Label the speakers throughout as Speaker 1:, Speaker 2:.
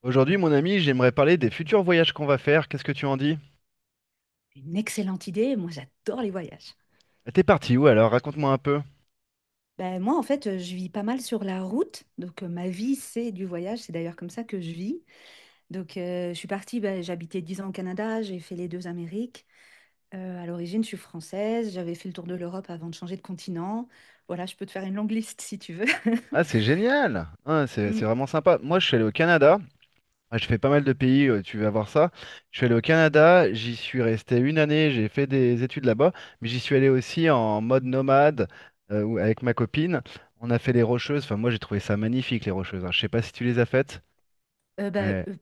Speaker 1: Aujourd'hui, mon ami, j'aimerais parler des futurs voyages qu'on va faire. Qu'est-ce que tu en dis?
Speaker 2: Une excellente idée, moi j'adore les voyages.
Speaker 1: Ah, t'es parti où alors? Raconte-moi un peu.
Speaker 2: Ben, moi en fait je vis pas mal sur la route, donc ma vie c'est du voyage, c'est d'ailleurs comme ça que je vis. Donc je suis partie, ben, j'habitais 10 ans au Canada, j'ai fait les deux Amériques. À l'origine je suis française, j'avais fait le tour de l'Europe avant de changer de continent. Voilà, je peux te faire une longue liste si tu veux.
Speaker 1: Ah, c'est génial! Ah, c'est
Speaker 2: Mm.
Speaker 1: vraiment sympa. Moi, je suis allé au Canada. Ah, je fais pas mal de pays, tu vas voir ça. Je suis allé au Canada, j'y suis resté une année, j'ai fait des études là-bas, mais j'y suis allé aussi en mode nomade avec ma copine. On a fait les Rocheuses. Enfin, moi, j'ai trouvé ça magnifique, les Rocheuses. Hein. Je sais pas si tu les as faites,
Speaker 2: Ben,
Speaker 1: mais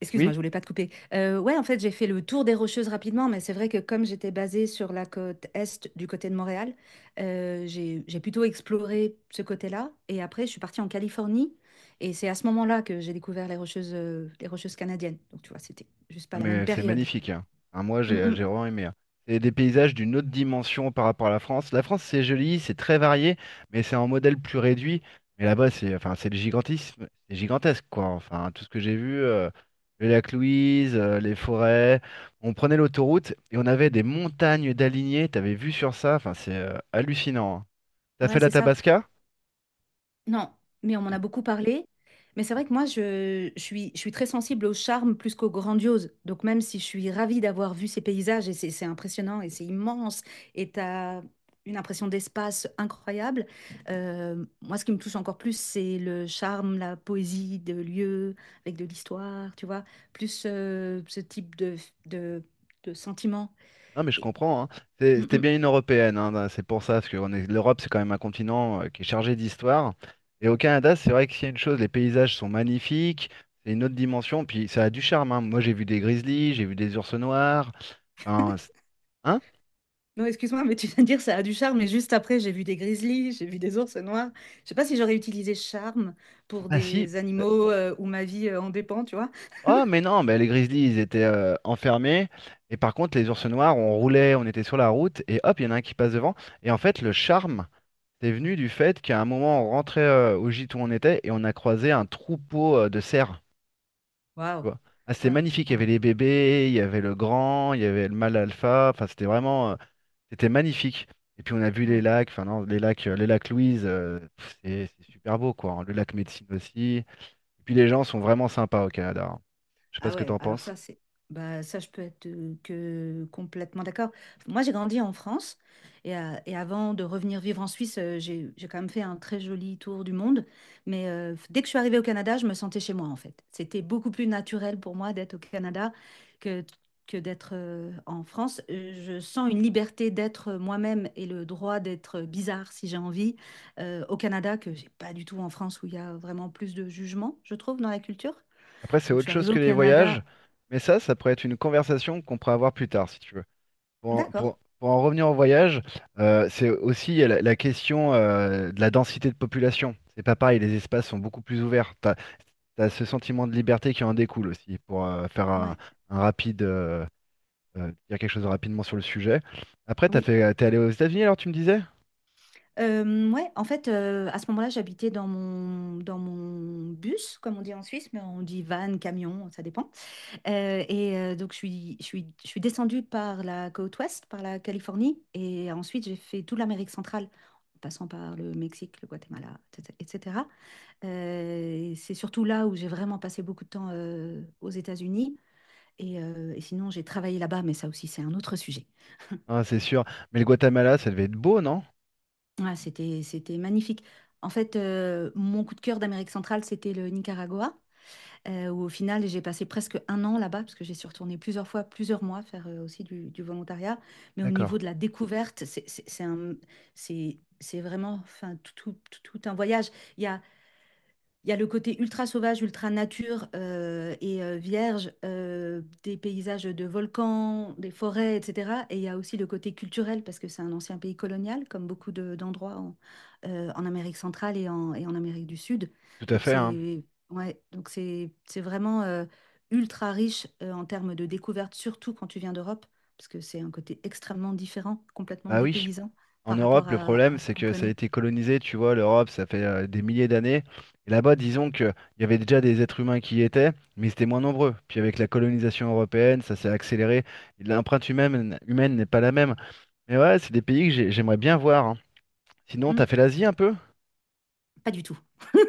Speaker 2: Excuse-moi, je
Speaker 1: oui.
Speaker 2: voulais pas te couper. Ouais, en fait, j'ai fait le tour des Rocheuses rapidement, mais c'est vrai que comme j'étais basée sur la côte est du côté de Montréal, j'ai plutôt exploré ce côté-là et après je suis partie en Californie et c'est à ce moment-là que j'ai découvert les Rocheuses canadiennes. Donc tu vois, c'était juste
Speaker 1: Ah,
Speaker 2: pas la même
Speaker 1: mais c'est
Speaker 2: période.
Speaker 1: magnifique, hein. Hein, moi,
Speaker 2: Mmh
Speaker 1: j'ai
Speaker 2: mh.
Speaker 1: j'ai vraiment aimé. Hein. C'est des paysages d'une autre dimension par rapport à la France. La France, c'est joli, c'est très varié, mais c'est en modèle plus réduit. Mais là-bas, c'est enfin, c'est le gigantisme, c'est gigantesque, quoi. Enfin, tout ce que j'ai vu, le lac Louise, les forêts. On prenait l'autoroute et on avait des montagnes d'alignés. T'avais vu sur ça, enfin, c'est hallucinant. Hein. T'as
Speaker 2: Ouais,
Speaker 1: fait la
Speaker 2: c'est ça.
Speaker 1: Tabasca?
Speaker 2: Non, mais on m'en a beaucoup parlé. Mais c'est vrai que moi, je suis très sensible au charme plus qu'au grandiose. Donc même si je suis ravie d'avoir vu ces paysages, et c'est impressionnant, et c'est immense, et tu as une impression d'espace incroyable, moi, ce qui me touche encore plus, c'est le charme, la poésie de lieux, avec de l'histoire, tu vois, plus ce type de, de sentiment.
Speaker 1: Non, mais je
Speaker 2: Et,
Speaker 1: comprends. Hein.
Speaker 2: Mm,
Speaker 1: C'était
Speaker 2: mm.
Speaker 1: bien une européenne. Hein. Bah, c'est pour ça, parce que l'Europe, c'est quand même un continent qui est chargé d'histoire. Et au Canada, c'est vrai que s'il y a une chose, les paysages sont magnifiques. C'est une autre dimension. Puis ça a du charme. Hein. Moi, j'ai vu des grizzlies, j'ai vu des ours noirs. Enfin, hein?
Speaker 2: Non, excuse-moi, mais tu viens de dire ça a du charme, mais juste après, j'ai vu des grizzlies, j'ai vu des ours noirs. Je sais pas si j'aurais utilisé charme pour
Speaker 1: Ah si.
Speaker 2: des animaux où ma vie en dépend, tu vois.
Speaker 1: Oh, mais non, mais les grizzlies, ils étaient enfermés. Et par contre, les ours noirs, on roulait, on était sur la route, et hop, il y en a un qui passe devant. Et en fait, le charme, c'est venu du fait qu'à un moment, on rentrait au gîte où on était, et on a croisé un troupeau de cerfs. Tu
Speaker 2: Waouh,
Speaker 1: vois. Ah, c'était
Speaker 2: waouh,
Speaker 1: magnifique, il y
Speaker 2: ouais,
Speaker 1: avait les bébés, il y avait le grand, il y avait le mâle alpha, enfin c'était vraiment, c'était magnifique. Et puis on a vu les
Speaker 2: ouais.
Speaker 1: lacs, enfin non, les lacs Louise, c'est super beau quoi, hein. Le lac Médecine aussi. Et puis les gens sont vraiment sympas au Canada. Hein. Je sais pas
Speaker 2: Ah
Speaker 1: ce que
Speaker 2: ouais,
Speaker 1: t'en
Speaker 2: alors
Speaker 1: penses.
Speaker 2: ça, c'est, bah, ça, je peux être que complètement d'accord. Moi, j'ai grandi en France et avant de revenir vivre en Suisse, j'ai quand même fait un très joli tour du monde. Mais dès que je suis arrivée au Canada, je me sentais chez moi, en fait. C'était beaucoup plus naturel pour moi d'être au Canada que, que d'être en France. Je sens une liberté d'être moi-même et le droit d'être bizarre si j'ai envie au Canada que j'ai pas du tout en France où il y a vraiment plus de jugement, je trouve, dans la culture.
Speaker 1: Après c'est
Speaker 2: Donc, je
Speaker 1: autre
Speaker 2: suis
Speaker 1: chose
Speaker 2: arrivée
Speaker 1: que
Speaker 2: au
Speaker 1: les voyages,
Speaker 2: Canada.
Speaker 1: mais ça pourrait être une conversation qu'on pourrait avoir plus tard si tu veux. Pour en,
Speaker 2: D'accord.
Speaker 1: pour- pour en revenir au voyage, c'est aussi il y a la question de la densité de population. C'est pas pareil, les espaces sont beaucoup plus ouverts. T'as, as ce sentiment de liberté qui en découle aussi, pour faire un,
Speaker 2: Ouais.
Speaker 1: un rapide, euh, dire quelque chose rapidement sur le sujet. Après,
Speaker 2: Oui.
Speaker 1: t'es allé aux États-Unis alors, tu me disais?
Speaker 2: Ouais, en fait, à ce moment-là, j'habitais dans mon bus, comme on dit en Suisse, mais on dit van, camion, ça dépend. Et donc, je suis descendue par la côte ouest, par la Californie, et ensuite, j'ai fait toute l'Amérique centrale, en passant par le Mexique, le Guatemala, etc. Et c'est surtout là où j'ai vraiment passé beaucoup de temps aux États-Unis. Et sinon, j'ai travaillé là-bas, mais ça aussi, c'est un autre sujet.
Speaker 1: Hein, c'est sûr. Mais le Guatemala, ça devait être beau, non?
Speaker 2: Ah, c'était magnifique. En fait, mon coup de cœur d'Amérique centrale, c'était le Nicaragua, où au final, j'ai passé presque un an là-bas, parce que j'ai suis retournée plusieurs fois, plusieurs mois, faire aussi du volontariat. Mais au niveau
Speaker 1: D'accord.
Speaker 2: de la découverte, c'est vraiment enfin, tout un voyage. Il y a le côté ultra sauvage, ultra nature et vierge, des paysages de volcans, des forêts, etc. Et il y a aussi le côté culturel, parce que c'est un ancien pays colonial, comme beaucoup d'endroits en Amérique centrale et en Amérique du Sud.
Speaker 1: Tout à
Speaker 2: Donc
Speaker 1: fait, hein.
Speaker 2: c'est Ouais, donc c'est vraiment ultra riche en termes de découvertes, surtout quand tu viens d'Europe, parce que c'est un côté extrêmement différent, complètement
Speaker 1: Bah oui.
Speaker 2: dépaysant
Speaker 1: En
Speaker 2: par rapport
Speaker 1: Europe, le
Speaker 2: à,
Speaker 1: problème,
Speaker 2: à ce
Speaker 1: c'est
Speaker 2: qu'on
Speaker 1: que ça a
Speaker 2: connaît.
Speaker 1: été colonisé, tu vois, l'Europe, ça fait des milliers d'années. Et là-bas, disons qu'il y avait déjà des êtres humains qui y étaient, mais ils étaient moins nombreux. Puis avec la colonisation européenne, ça s'est accéléré. L'empreinte humaine n'est pas la même. Mais ouais, c'est des pays que j'aimerais bien voir. Hein. Sinon,
Speaker 2: Hmm,
Speaker 1: t'as fait l'Asie un peu?
Speaker 2: pas du tout.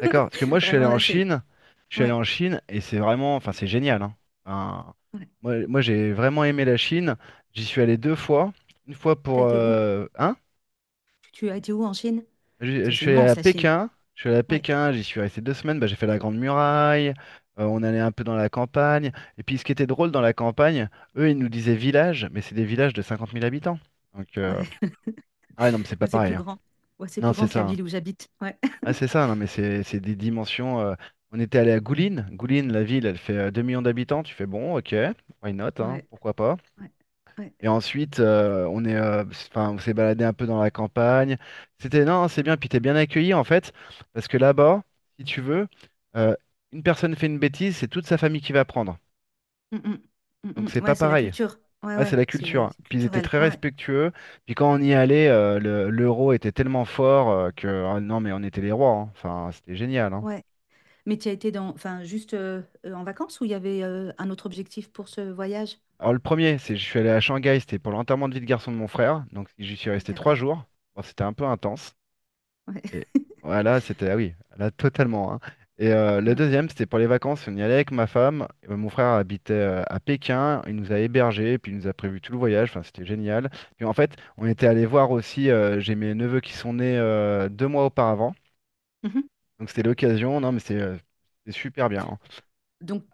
Speaker 1: D'accord. Parce que moi, je suis allé
Speaker 2: Vraiment,
Speaker 1: en
Speaker 2: là, c'est.
Speaker 1: Chine. Je suis allé
Speaker 2: Ouais.
Speaker 1: en Chine et c'est vraiment, enfin, c'est génial. Hein. Enfin,
Speaker 2: Ouais.
Speaker 1: moi, j'ai vraiment aimé la Chine. J'y suis allé deux fois. Une fois
Speaker 2: T'as
Speaker 1: pour...
Speaker 2: été où?
Speaker 1: hein.
Speaker 2: Tu as été où en Chine? Parce
Speaker 1: Je,
Speaker 2: que
Speaker 1: je
Speaker 2: c'est
Speaker 1: suis allé
Speaker 2: immense
Speaker 1: à
Speaker 2: la Chine.
Speaker 1: Pékin, je suis allé à
Speaker 2: Ouais,
Speaker 1: Pékin, j'y suis resté 2 semaines, bah, j'ai fait la Grande Muraille, on allait un peu dans la campagne. Et puis ce qui était drôle dans la campagne, eux ils nous disaient village, mais c'est des villages de 50 000 habitants. Donc,
Speaker 2: ouais,
Speaker 1: ah ouais, non, mais c'est pas
Speaker 2: ouais, c'est
Speaker 1: pareil.
Speaker 2: plus
Speaker 1: Hein.
Speaker 2: grand. Ouais, c'est
Speaker 1: Non,
Speaker 2: plus
Speaker 1: c'est
Speaker 2: grand que
Speaker 1: ça.
Speaker 2: la
Speaker 1: Hein.
Speaker 2: ville où j'habite. Ouais,
Speaker 1: Ah, c'est ça, non, mais c'est des dimensions. On était allé à Gouline, la ville, elle fait 2 millions d'habitants, tu fais bon, ok, why not, hein,
Speaker 2: ouais,
Speaker 1: pourquoi pas.
Speaker 2: ouais, ouais.
Speaker 1: Et ensuite, enfin, on s'est baladé un peu dans la campagne. C'était, non, c'est bien, puis t'es bien accueilli en fait, parce que là-bas, si tu veux, euh, une personne fait une bêtise, c'est toute sa famille qui va prendre.
Speaker 2: Mm, mm, mm,
Speaker 1: Donc c'est
Speaker 2: mm.
Speaker 1: pas
Speaker 2: Ouais, c'est la
Speaker 1: pareil.
Speaker 2: culture. Ouais,
Speaker 1: Ouais, c'est
Speaker 2: ouais,
Speaker 1: la culture.
Speaker 2: c'est
Speaker 1: Hein.
Speaker 2: c'est
Speaker 1: Puis ils étaient
Speaker 2: culturel.
Speaker 1: très
Speaker 2: Ouais,
Speaker 1: respectueux. Puis quand on y allait, l'euro était tellement fort que, ah non, mais on était les rois. Hein. Enfin, c'était génial. Hein.
Speaker 2: ouais. Mais tu as été dans, enfin, juste en vacances ou il y avait un autre objectif pour ce voyage?
Speaker 1: Alors le premier, c'est je suis allé à Shanghai, c'était pour l'enterrement de vie de garçon de mon frère. Donc j'y suis resté trois
Speaker 2: D'accord.
Speaker 1: jours. Bon, c'était un peu intense.
Speaker 2: Ouais.
Speaker 1: Et voilà, c'était, ah oui, là, totalement. Hein. Le
Speaker 2: Mm.
Speaker 1: deuxième, c'était pour les vacances. On y allait avec ma femme. Mon frère habitait à Pékin. Il nous a hébergés, puis il nous a prévu tout le voyage. Enfin, c'était génial. Puis en fait, on était allé voir aussi. J'ai mes neveux qui sont nés 2 mois auparavant.
Speaker 2: Mhm.
Speaker 1: Donc c'était l'occasion. Non, mais c'est super bien. Hein.
Speaker 2: Donc,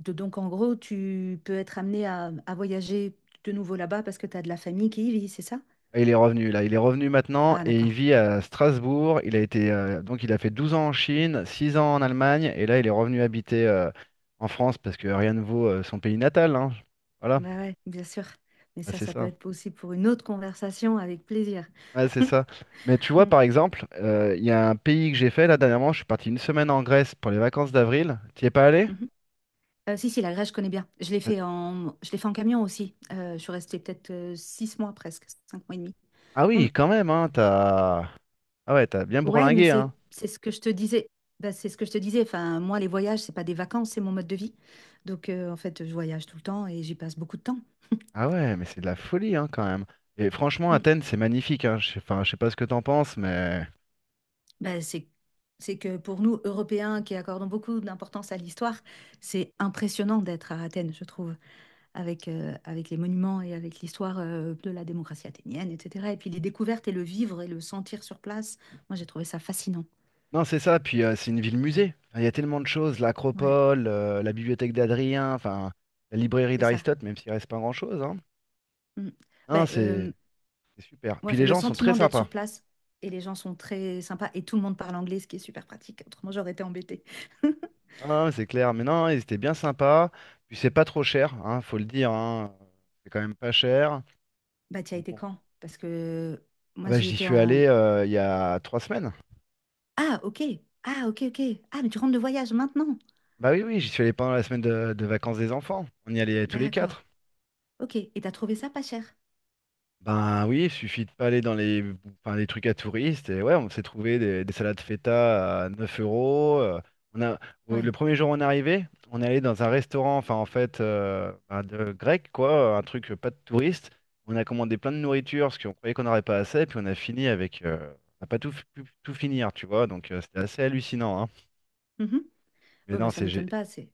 Speaker 2: donc, en gros, tu peux être amené à voyager de nouveau là-bas parce que tu as de la famille qui y vit, c'est ça?
Speaker 1: Ah, il est revenu là, il est revenu maintenant
Speaker 2: Ah,
Speaker 1: et il
Speaker 2: d'accord.
Speaker 1: vit à Strasbourg. Il a été donc il a fait 12 ans en Chine, 6 ans en Allemagne et là il est revenu habiter en France parce que rien ne vaut son pays natal, hein. Voilà.
Speaker 2: Bah ouais, bien sûr. Mais
Speaker 1: Ah,
Speaker 2: ça,
Speaker 1: c'est
Speaker 2: ça peut
Speaker 1: ça.
Speaker 2: être possible pour une autre conversation avec plaisir.
Speaker 1: Ouais, c'est ça. Mais tu vois
Speaker 2: Mm,
Speaker 1: par exemple, il y a un pays que j'ai fait là dernièrement, je suis parti une semaine en Grèce pour les vacances d'avril. T'y es pas allé?
Speaker 2: mhm. Si, si, la Grèce, je connais bien.
Speaker 1: Euh,
Speaker 2: Je l'ai fait en camion aussi. Je suis restée peut-être 6 mois presque, 5 mois et demi.
Speaker 1: Ah
Speaker 2: Mm.
Speaker 1: oui, quand même, hein, t'as... Ah ouais, t'as bien
Speaker 2: Ouais, mais
Speaker 1: bourlingué,
Speaker 2: c'est,
Speaker 1: hein.
Speaker 2: c'est ce que je te disais. Bah, c'est ce que je te disais. Enfin, moi, les voyages, c'est pas des vacances, c'est mon mode de vie. Donc, en fait, je voyage tout le temps et j'y passe beaucoup de temps.
Speaker 1: Ah ouais, mais c'est de la folie, hein, quand même. Et franchement,
Speaker 2: Mm.
Speaker 1: Athènes, c'est magnifique, hein. Je sais pas ce que t'en penses, mais...
Speaker 2: Bah, c'est que pour nous, Européens, qui accordons beaucoup d'importance à l'histoire, c'est impressionnant d'être à Athènes, je trouve. Avec les monuments et avec l'histoire de la démocratie athénienne, etc. Et puis les découvertes et le vivre et le sentir sur place, moi j'ai trouvé ça fascinant.
Speaker 1: Non, c'est ça. Puis c'est une ville musée. Enfin, il y a tellement de choses,
Speaker 2: Ouais,
Speaker 1: l'Acropole, la bibliothèque d'Adrien, enfin la librairie
Speaker 2: c'est ça.
Speaker 1: d'Aristote, même s'il reste pas grand-chose. Hein.
Speaker 2: Mm.
Speaker 1: Non,
Speaker 2: Ben,
Speaker 1: c'est super.
Speaker 2: ouais,
Speaker 1: Puis
Speaker 2: enfin,
Speaker 1: les
Speaker 2: le
Speaker 1: gens sont très
Speaker 2: sentiment d'être
Speaker 1: sympas.
Speaker 2: sur place et les gens sont très sympas et tout le monde parle anglais, ce qui est super pratique. Autrement, j'aurais été embêtée.
Speaker 1: Non, c'est clair. Mais non, ils étaient bien sympas. Puis c'est pas trop cher, hein, faut le dire. Hein. C'est quand même pas cher.
Speaker 2: Bah, tu as
Speaker 1: Donc
Speaker 2: été
Speaker 1: bon.
Speaker 2: quand? Parce que
Speaker 1: Ah
Speaker 2: moi
Speaker 1: bah
Speaker 2: j'y
Speaker 1: j'y
Speaker 2: étais
Speaker 1: suis
Speaker 2: en.
Speaker 1: allé il y a 3 semaines.
Speaker 2: Ah, ok. Ah, ok, ok. Ah, mais tu rentres de voyage maintenant.
Speaker 1: Bah oui, oui, j'y suis allé pendant la semaine de vacances des enfants. On y allait tous les quatre.
Speaker 2: D'accord. Ok. Et t'as trouvé ça pas cher?
Speaker 1: Ben oui, il suffit de pas aller dans enfin, les trucs à touristes. Et ouais, on s'est trouvé des salades feta à 9 euros. On a, le
Speaker 2: Ouais.
Speaker 1: premier jour où on est arrivé, on est allé dans un restaurant, enfin en fait, ben, grec, quoi, un truc pas de touriste. On a commandé plein de nourriture parce qu'on croyait qu'on n'aurait pas assez. Puis on a fini avec. On n'a pas pu tout finir, tu vois. Donc c'était assez hallucinant. Hein.
Speaker 2: Mhm.
Speaker 1: Mais
Speaker 2: Ouais, bah,
Speaker 1: non,
Speaker 2: ça m'étonne pas. C'est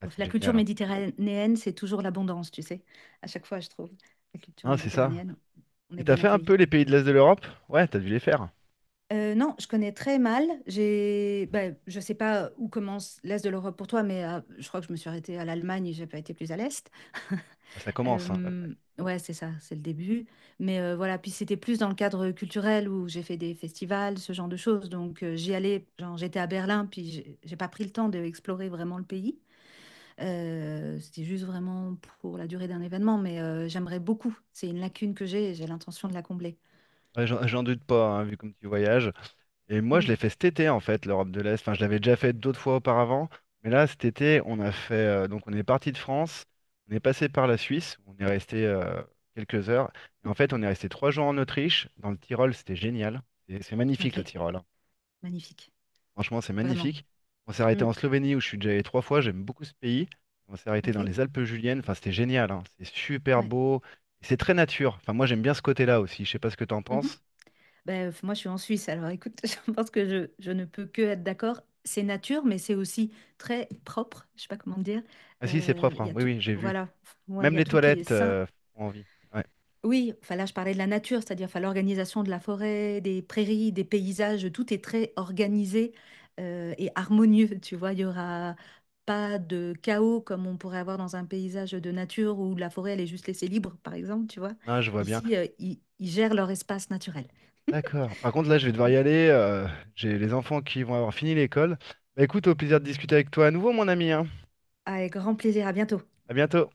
Speaker 1: ah, c'est
Speaker 2: La culture
Speaker 1: génial. Hein.
Speaker 2: méditerranéenne, c'est toujours l'abondance, tu sais. À chaque fois, je trouve. La culture
Speaker 1: Hein, c'est ça.
Speaker 2: méditerranéenne, on
Speaker 1: Et
Speaker 2: est
Speaker 1: t'as
Speaker 2: bien
Speaker 1: fait un peu
Speaker 2: accueillis.
Speaker 1: les pays de l'Est de l'Europe? Ouais, t'as dû les faire.
Speaker 2: Non, je connais très mal. Ben, je sais pas où commence l'Est de l'Europe pour toi, mais je crois que je me suis arrêtée à l'Allemagne et j'ai pas été plus à l'Est.
Speaker 1: Ah, ça commence, hein, là.
Speaker 2: Ouais, c'est ça, c'est le début. Mais voilà, puis c'était plus dans le cadre culturel où j'ai fait des festivals, ce genre de choses. Donc j'y allais, genre j'étais à Berlin, puis j'ai pas pris le temps d'explorer vraiment le pays. C'était juste vraiment pour la durée d'un événement, mais j'aimerais beaucoup. C'est une lacune que j'ai et j'ai l'intention de la combler.
Speaker 1: Ouais, j'en doute pas, hein, vu comme tu voyages. Et moi, je
Speaker 2: Hmm.
Speaker 1: l'ai fait cet été, en fait, l'Europe de l'Est. Enfin, je l'avais déjà fait d'autres fois auparavant. Mais là, cet été, on a fait. Donc, on est parti de France, on est passé par la Suisse, on est resté quelques heures. Et en fait, on est resté 3 jours en Autriche, dans le Tyrol, c'était génial. Et c'est magnifique,
Speaker 2: Ok,
Speaker 1: le Tyrol. Hein.
Speaker 2: magnifique.
Speaker 1: Franchement, c'est
Speaker 2: Vraiment.
Speaker 1: magnifique. On s'est arrêté
Speaker 2: Hmm.
Speaker 1: en Slovénie, où je suis déjà allé trois fois, j'aime beaucoup ce pays. On s'est arrêté
Speaker 2: Ok,
Speaker 1: dans les Alpes juliennes, enfin, c'était génial. Hein. C'est super
Speaker 2: ouais.
Speaker 1: beau. Et c'est très nature. Enfin, moi, j'aime bien ce côté-là aussi. Je sais pas ce que t'en
Speaker 2: Mhm.
Speaker 1: penses.
Speaker 2: Ben, moi, je suis en Suisse, alors écoute, je pense que je ne peux que être d'accord. C'est nature, mais c'est aussi très propre. Je sais pas comment dire.
Speaker 1: Ah si, c'est propre,
Speaker 2: Il
Speaker 1: hein.
Speaker 2: y a
Speaker 1: Oui,
Speaker 2: tout.
Speaker 1: oui, j'ai vu.
Speaker 2: Voilà. Ouais, il y
Speaker 1: Même
Speaker 2: a
Speaker 1: les
Speaker 2: tout qui est
Speaker 1: toilettes
Speaker 2: sain.
Speaker 1: font envie. Ouais.
Speaker 2: Oui, enfin là, je parlais de la nature, c'est-à-dire enfin, l'organisation de la forêt, des prairies, des paysages, tout est très organisé et harmonieux, tu vois. Il y aura pas de chaos comme on pourrait avoir dans un paysage de nature où la forêt, elle est juste laissée libre, par exemple, tu vois.
Speaker 1: Non, je vois bien.
Speaker 2: Ici, ils gèrent leur espace naturel.
Speaker 1: D'accord. Par contre, là, je vais devoir y aller. J'ai les enfants qui vont avoir fini l'école. Bah écoute, au plaisir de discuter avec toi à nouveau, mon ami, hein.
Speaker 2: Avec grand plaisir, à bientôt.
Speaker 1: À bientôt.